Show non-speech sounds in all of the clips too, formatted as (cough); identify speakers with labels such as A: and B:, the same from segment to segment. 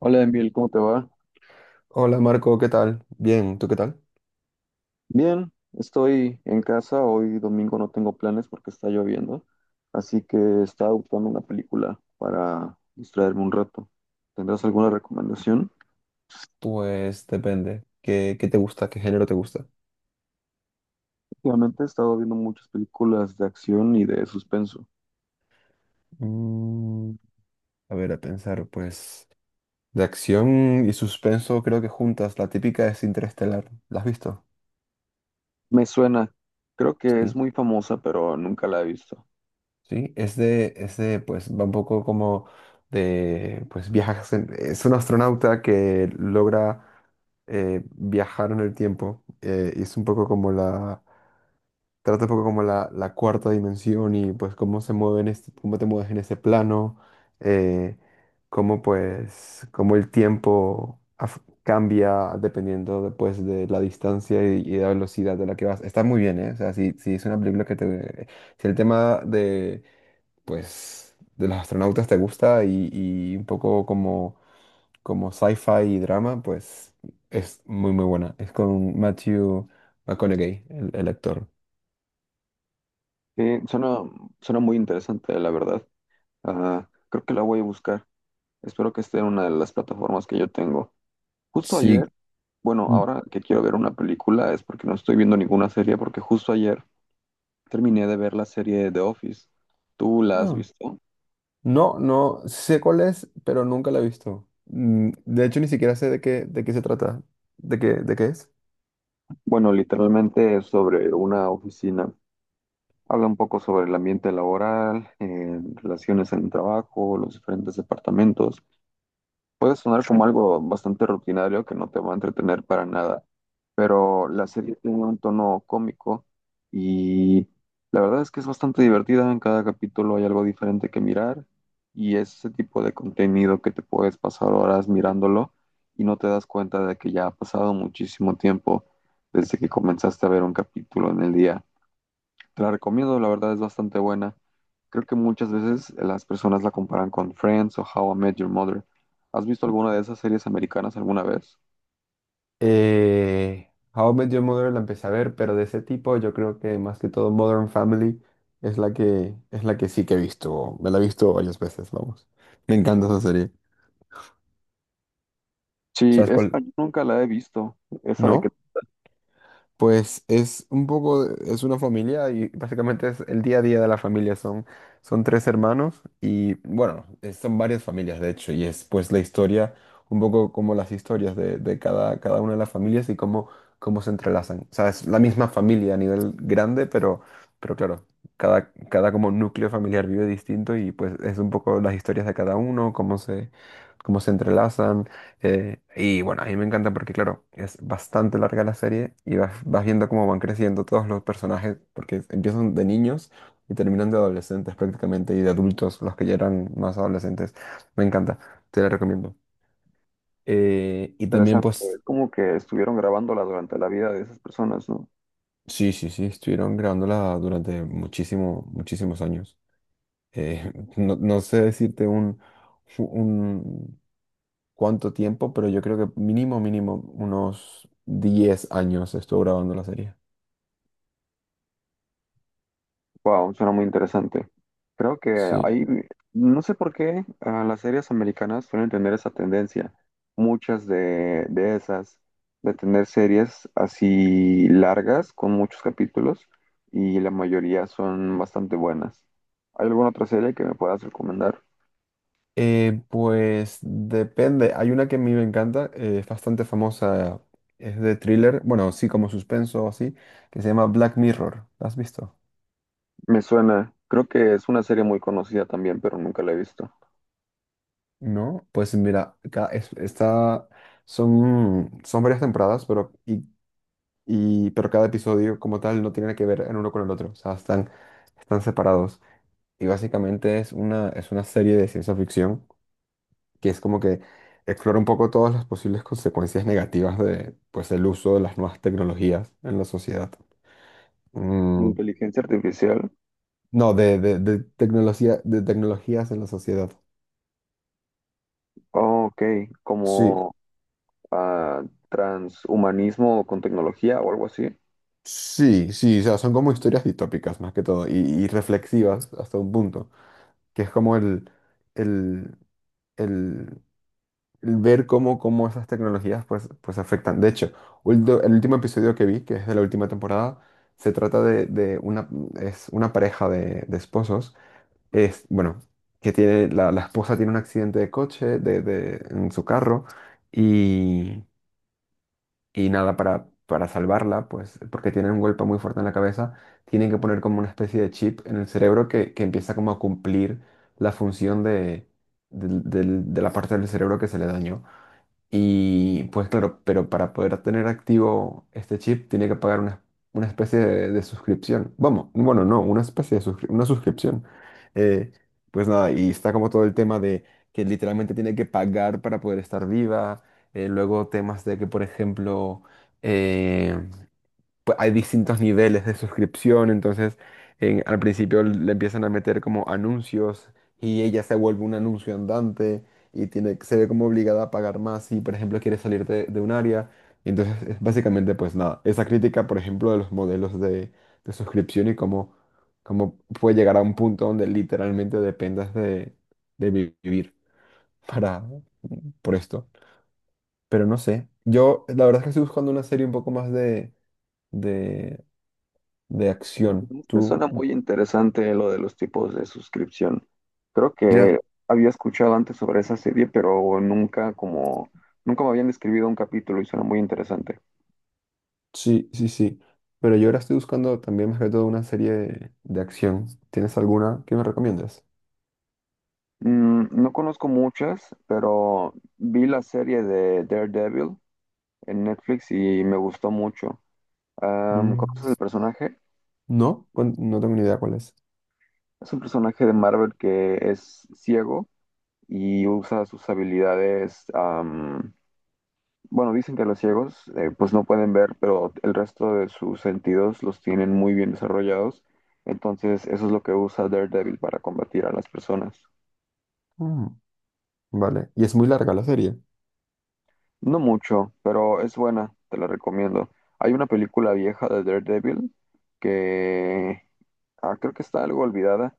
A: Hola Emil, ¿cómo te va?
B: Hola Marco, ¿qué tal? Bien, ¿tú qué tal?
A: Bien, estoy en casa, hoy domingo no tengo planes porque está lloviendo, así que estaba buscando una película para distraerme un rato. ¿Tendrás alguna recomendación?
B: Pues depende. ¿Qué te gusta? ¿Qué género te gusta?
A: Últimamente he estado viendo muchas películas de acción y de suspenso.
B: Mm, a ver, a pensar, pues de acción y suspenso creo que juntas. La típica es Interestelar. ¿La has visto?
A: Me suena, creo que es
B: Sí.
A: muy famosa, pero nunca la he visto.
B: Sí, es de, pues va un poco como pues viajas. Es un astronauta que logra viajar en el tiempo, y es un poco como la. Trata un poco como la cuarta dimensión y pues cómo se mueven este, cómo te mueves en ese plano, eh, cómo pues, cómo el tiempo cambia dependiendo después de la distancia y la velocidad de la que vas. Está muy bien, ¿eh? O sea, si es una película que te... Si el tema de, pues, de los astronautas te gusta y un poco como, como sci-fi y drama, pues es muy buena. Es con Matthew McConaughey, el actor.
A: Sí, suena, suena muy interesante, la verdad. Ah, creo que la voy a buscar. Espero que esté en una de las plataformas que yo tengo. Justo
B: Sí.
A: ayer. Bueno,
B: N-
A: ahora que quiero ver una película es porque no estoy viendo ninguna serie, porque justo ayer terminé de ver la serie The Office. ¿Tú la has
B: ah,
A: visto?
B: No, no sé cuál es, pero nunca la he visto. Mm. De hecho, ni siquiera sé de qué se trata. ¿De qué es?
A: Bueno, literalmente es sobre una oficina. Habla un poco sobre el ambiente laboral, relaciones en el trabajo, los diferentes departamentos. Puede sonar como algo bastante rutinario que no te va a entretener para nada, pero la serie tiene un tono cómico y la verdad es que es bastante divertida. En cada capítulo hay algo diferente que mirar y es ese tipo de contenido que te puedes pasar horas mirándolo y no te das cuenta de que ya ha pasado muchísimo tiempo desde que comenzaste a ver un capítulo en el día. Te la recomiendo, la verdad es bastante buena. Creo que muchas veces las personas la comparan con Friends o How I Met Your Mother. ¿Has visto alguna de esas series americanas alguna vez?
B: How I Met Your Mother la empecé a ver, pero de ese tipo yo creo que más que todo Modern Family es la que sí que he visto. Me la he visto varias veces, vamos. Me encanta esa serie.
A: Sí,
B: ¿Sabes
A: esa
B: cuál?
A: yo nunca la he visto. Esa de que
B: ¿No? Pues es un poco, es una familia y básicamente es el día a día de la familia. Son, son tres hermanos y bueno, son varias familias de hecho y es pues la historia, un poco como las historias de cada una de las familias y cómo, cómo se entrelazan. O sea, es la misma familia a nivel grande, pero claro, cada como núcleo familiar vive distinto y pues es un poco las historias de cada uno, cómo se entrelazan. Y bueno, a mí me encanta porque, claro, es bastante larga la serie y vas viendo cómo van creciendo todos los personajes, porque empiezan de niños y terminan de adolescentes prácticamente y de adultos, los que ya eran más adolescentes. Me encanta, te la recomiendo. Y también,
A: interesante.
B: pues,
A: Es como que estuvieron grabándola durante la vida de esas personas, ¿no?
B: sí, sí, sí, estuvieron grabándola durante muchísimo, muchísimos años. Eh, (laughs) no sé decirte un cuánto tiempo, pero yo creo que mínimo, mínimo, unos 10 años estuvo grabando la serie.
A: Wow, suena muy interesante. Creo que
B: Sí.
A: hay, no sé por qué, ah, las series americanas suelen tener esa tendencia. Muchas de esas, de tener series así largas, con muchos capítulos, y la mayoría son bastante buenas. ¿Hay alguna otra serie que me puedas recomendar?
B: Pues depende. Hay una que a mí me encanta, es bastante famosa, es de thriller, bueno, sí, como suspenso o así, que se llama Black Mirror. ¿La has visto?
A: Me suena, creo que es una serie muy conocida también, pero nunca la he visto.
B: No. Pues mira, está, son, son varias temporadas, pero, y, pero cada episodio como tal no tiene que ver en uno con el otro, o sea, están, están separados. Y básicamente es una serie de ciencia ficción que es como que explora un poco todas las posibles consecuencias negativas de, pues, el uso de las nuevas tecnologías en la sociedad.
A: Como
B: Mm,
A: inteligencia artificial.
B: no, de tecnología, de tecnologías en la sociedad.
A: Oh, ok,
B: Sí,
A: como ah, transhumanismo con tecnología o algo así.
B: sí, sí, o sea, son como historias distópicas más que todo y reflexivas hasta un punto, que es como el, el, el ver cómo, cómo esas tecnologías pues, pues afectan. De hecho, el último episodio que vi, que es de la última temporada, se trata de una, es una pareja de esposos. Es, bueno, que tiene, la esposa tiene un accidente de coche en su carro y, y nada, para salvarla, pues porque tiene un golpe muy fuerte en la cabeza, tienen que poner como una especie de chip en el cerebro que empieza como a cumplir la función de, de la parte del cerebro que se le dañó. Y pues claro, pero para poder tener activo este chip tiene que pagar una especie de suscripción. Vamos, bueno, no, una especie de una suscripción. Eh, pues nada, y está como todo el tema de que literalmente tiene que pagar para poder estar viva. Eh, luego temas de que, por ejemplo, eh, pues, hay distintos niveles de suscripción, entonces al principio le empiezan a meter como anuncios y ella se vuelve un anuncio andante y tiene, se ve como obligada a pagar más si, por ejemplo, quiere salir de un área. Entonces, es básicamente, pues nada, esa crítica, por ejemplo, de los modelos de suscripción y cómo, cómo puede llegar a un punto donde literalmente dependas de vivir para, por esto. Pero no sé, yo la verdad es que estoy buscando una serie un poco más de, de acción.
A: Esto
B: Tú,
A: suena muy interesante lo de los tipos de suscripción. Creo
B: ya,
A: que había escuchado antes sobre esa serie, pero nunca como nunca me habían describido un capítulo y suena muy interesante.
B: sí, sí, sí. Pero yo ahora estoy buscando también más que todo una serie de acción. ¿Tienes alguna que me recomiendas?
A: Mm, no conozco muchas, pero vi la serie de Daredevil en Netflix y me gustó mucho. Am,
B: Mm.
A: ¿conoces el personaje?
B: No, no tengo ni idea cuál es.
A: Es un personaje de Marvel que es ciego y usa sus habilidades. Bueno, dicen que los ciegos pues no pueden ver, pero el resto de sus sentidos los tienen muy bien desarrollados. Entonces, eso es lo que usa Daredevil para combatir a las personas.
B: Mm. Vale. Y es muy larga la serie.
A: No mucho, pero es buena, te la recomiendo. Hay una película vieja de Daredevil que ah, creo que está algo olvidada.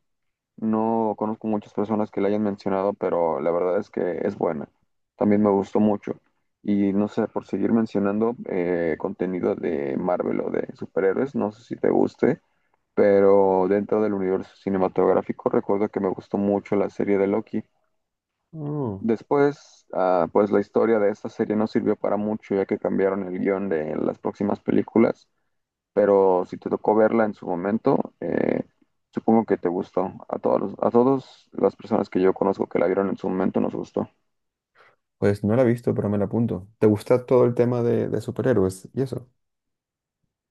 A: No conozco muchas personas que la hayan mencionado, pero la verdad es que es buena. También me gustó mucho. Y no sé, por seguir mencionando contenido de Marvel o de superhéroes, no sé si te guste, pero dentro del universo cinematográfico recuerdo que me gustó mucho la serie de Loki.
B: Mm.
A: Después, ah, pues la historia de esta serie no sirvió para mucho ya que cambiaron el guión de las próximas películas, pero si te tocó verla en su momento, supongo que te gustó. A a todas las personas que yo conozco que la vieron en su momento nos gustó.
B: Pues no la he visto, pero me la apunto. ¿Te gusta todo el tema de superhéroes y eso?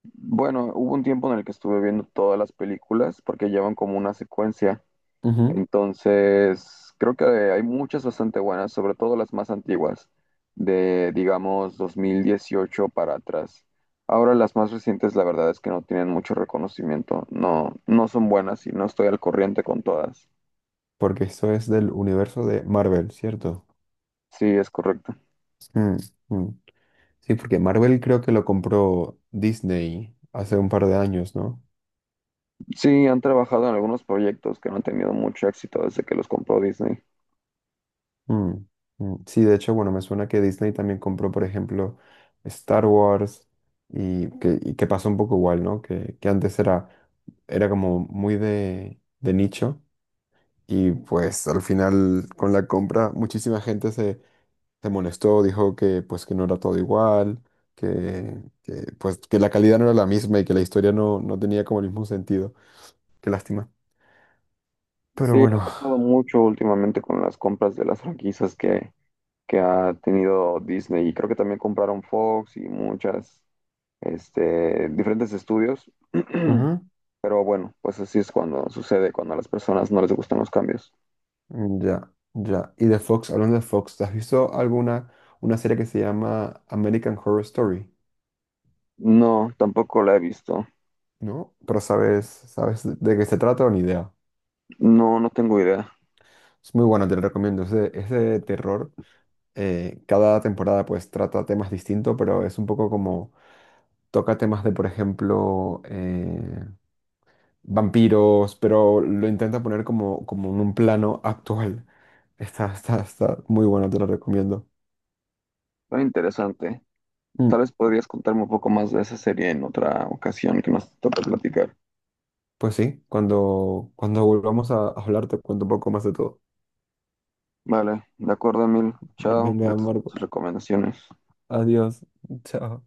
A: Bueno, hubo un tiempo en el que estuve viendo todas las películas porque llevan como una secuencia.
B: Ujú.
A: Entonces, creo que hay muchas bastante buenas, sobre todo las más antiguas, de digamos 2018 para atrás. Ahora las más recientes, la verdad es que no tienen mucho reconocimiento. No, no son buenas y no estoy al corriente con todas.
B: Porque esto es del universo de Marvel, ¿cierto?
A: Sí, es correcto.
B: Mm, mm. Sí, porque Marvel creo que lo compró Disney hace un par de años, ¿no?
A: Sí, han trabajado en algunos proyectos que no han tenido mucho éxito desde que los compró Disney.
B: Mm, mm. Sí, de hecho, bueno, me suena que Disney también compró, por ejemplo, Star Wars y que pasó un poco igual, ¿no? Que antes era, era como muy de nicho y pues al final con la compra muchísima gente se, se molestó, dijo que pues que no era todo igual, pues que la calidad no era la misma y que la historia no, no tenía como el mismo sentido. Qué lástima. Pero
A: Sí,
B: bueno.
A: ha pasado mucho últimamente con las compras de las franquicias que ha tenido Disney. Y creo que también compraron Fox y muchas, este, diferentes estudios. (clears throat) Pero bueno, pues así es cuando sucede, cuando a las personas no les gustan los cambios.
B: Mm. Ya, ya. Y de Fox, hablando de Fox, ¿te has visto alguna una serie que se llama American Horror Story?
A: No, tampoco la he visto.
B: ¿No? Pero sabes, sabes de qué se trata o ni idea.
A: No, no tengo idea.
B: Es muy bueno, te lo recomiendo. Es de terror. Cada temporada pues trata temas distintos, pero es un poco como toca temas de, por ejemplo, vampiros, pero lo intenta poner como, como en un plano actual. Está, está, está muy bueno, te lo recomiendo.
A: Está interesante.
B: Mm.
A: Tal vez podrías contarme un poco más de esa serie en otra ocasión que nos toque platicar.
B: Pues sí, cuando, cuando volvamos a hablar te cuento un poco más de todo.
A: Vale, de acuerdo, Emil.
B: (laughs)
A: Chao,
B: Venga,
A: gracias por
B: Marco.
A: tus recomendaciones.
B: Adiós. Chao.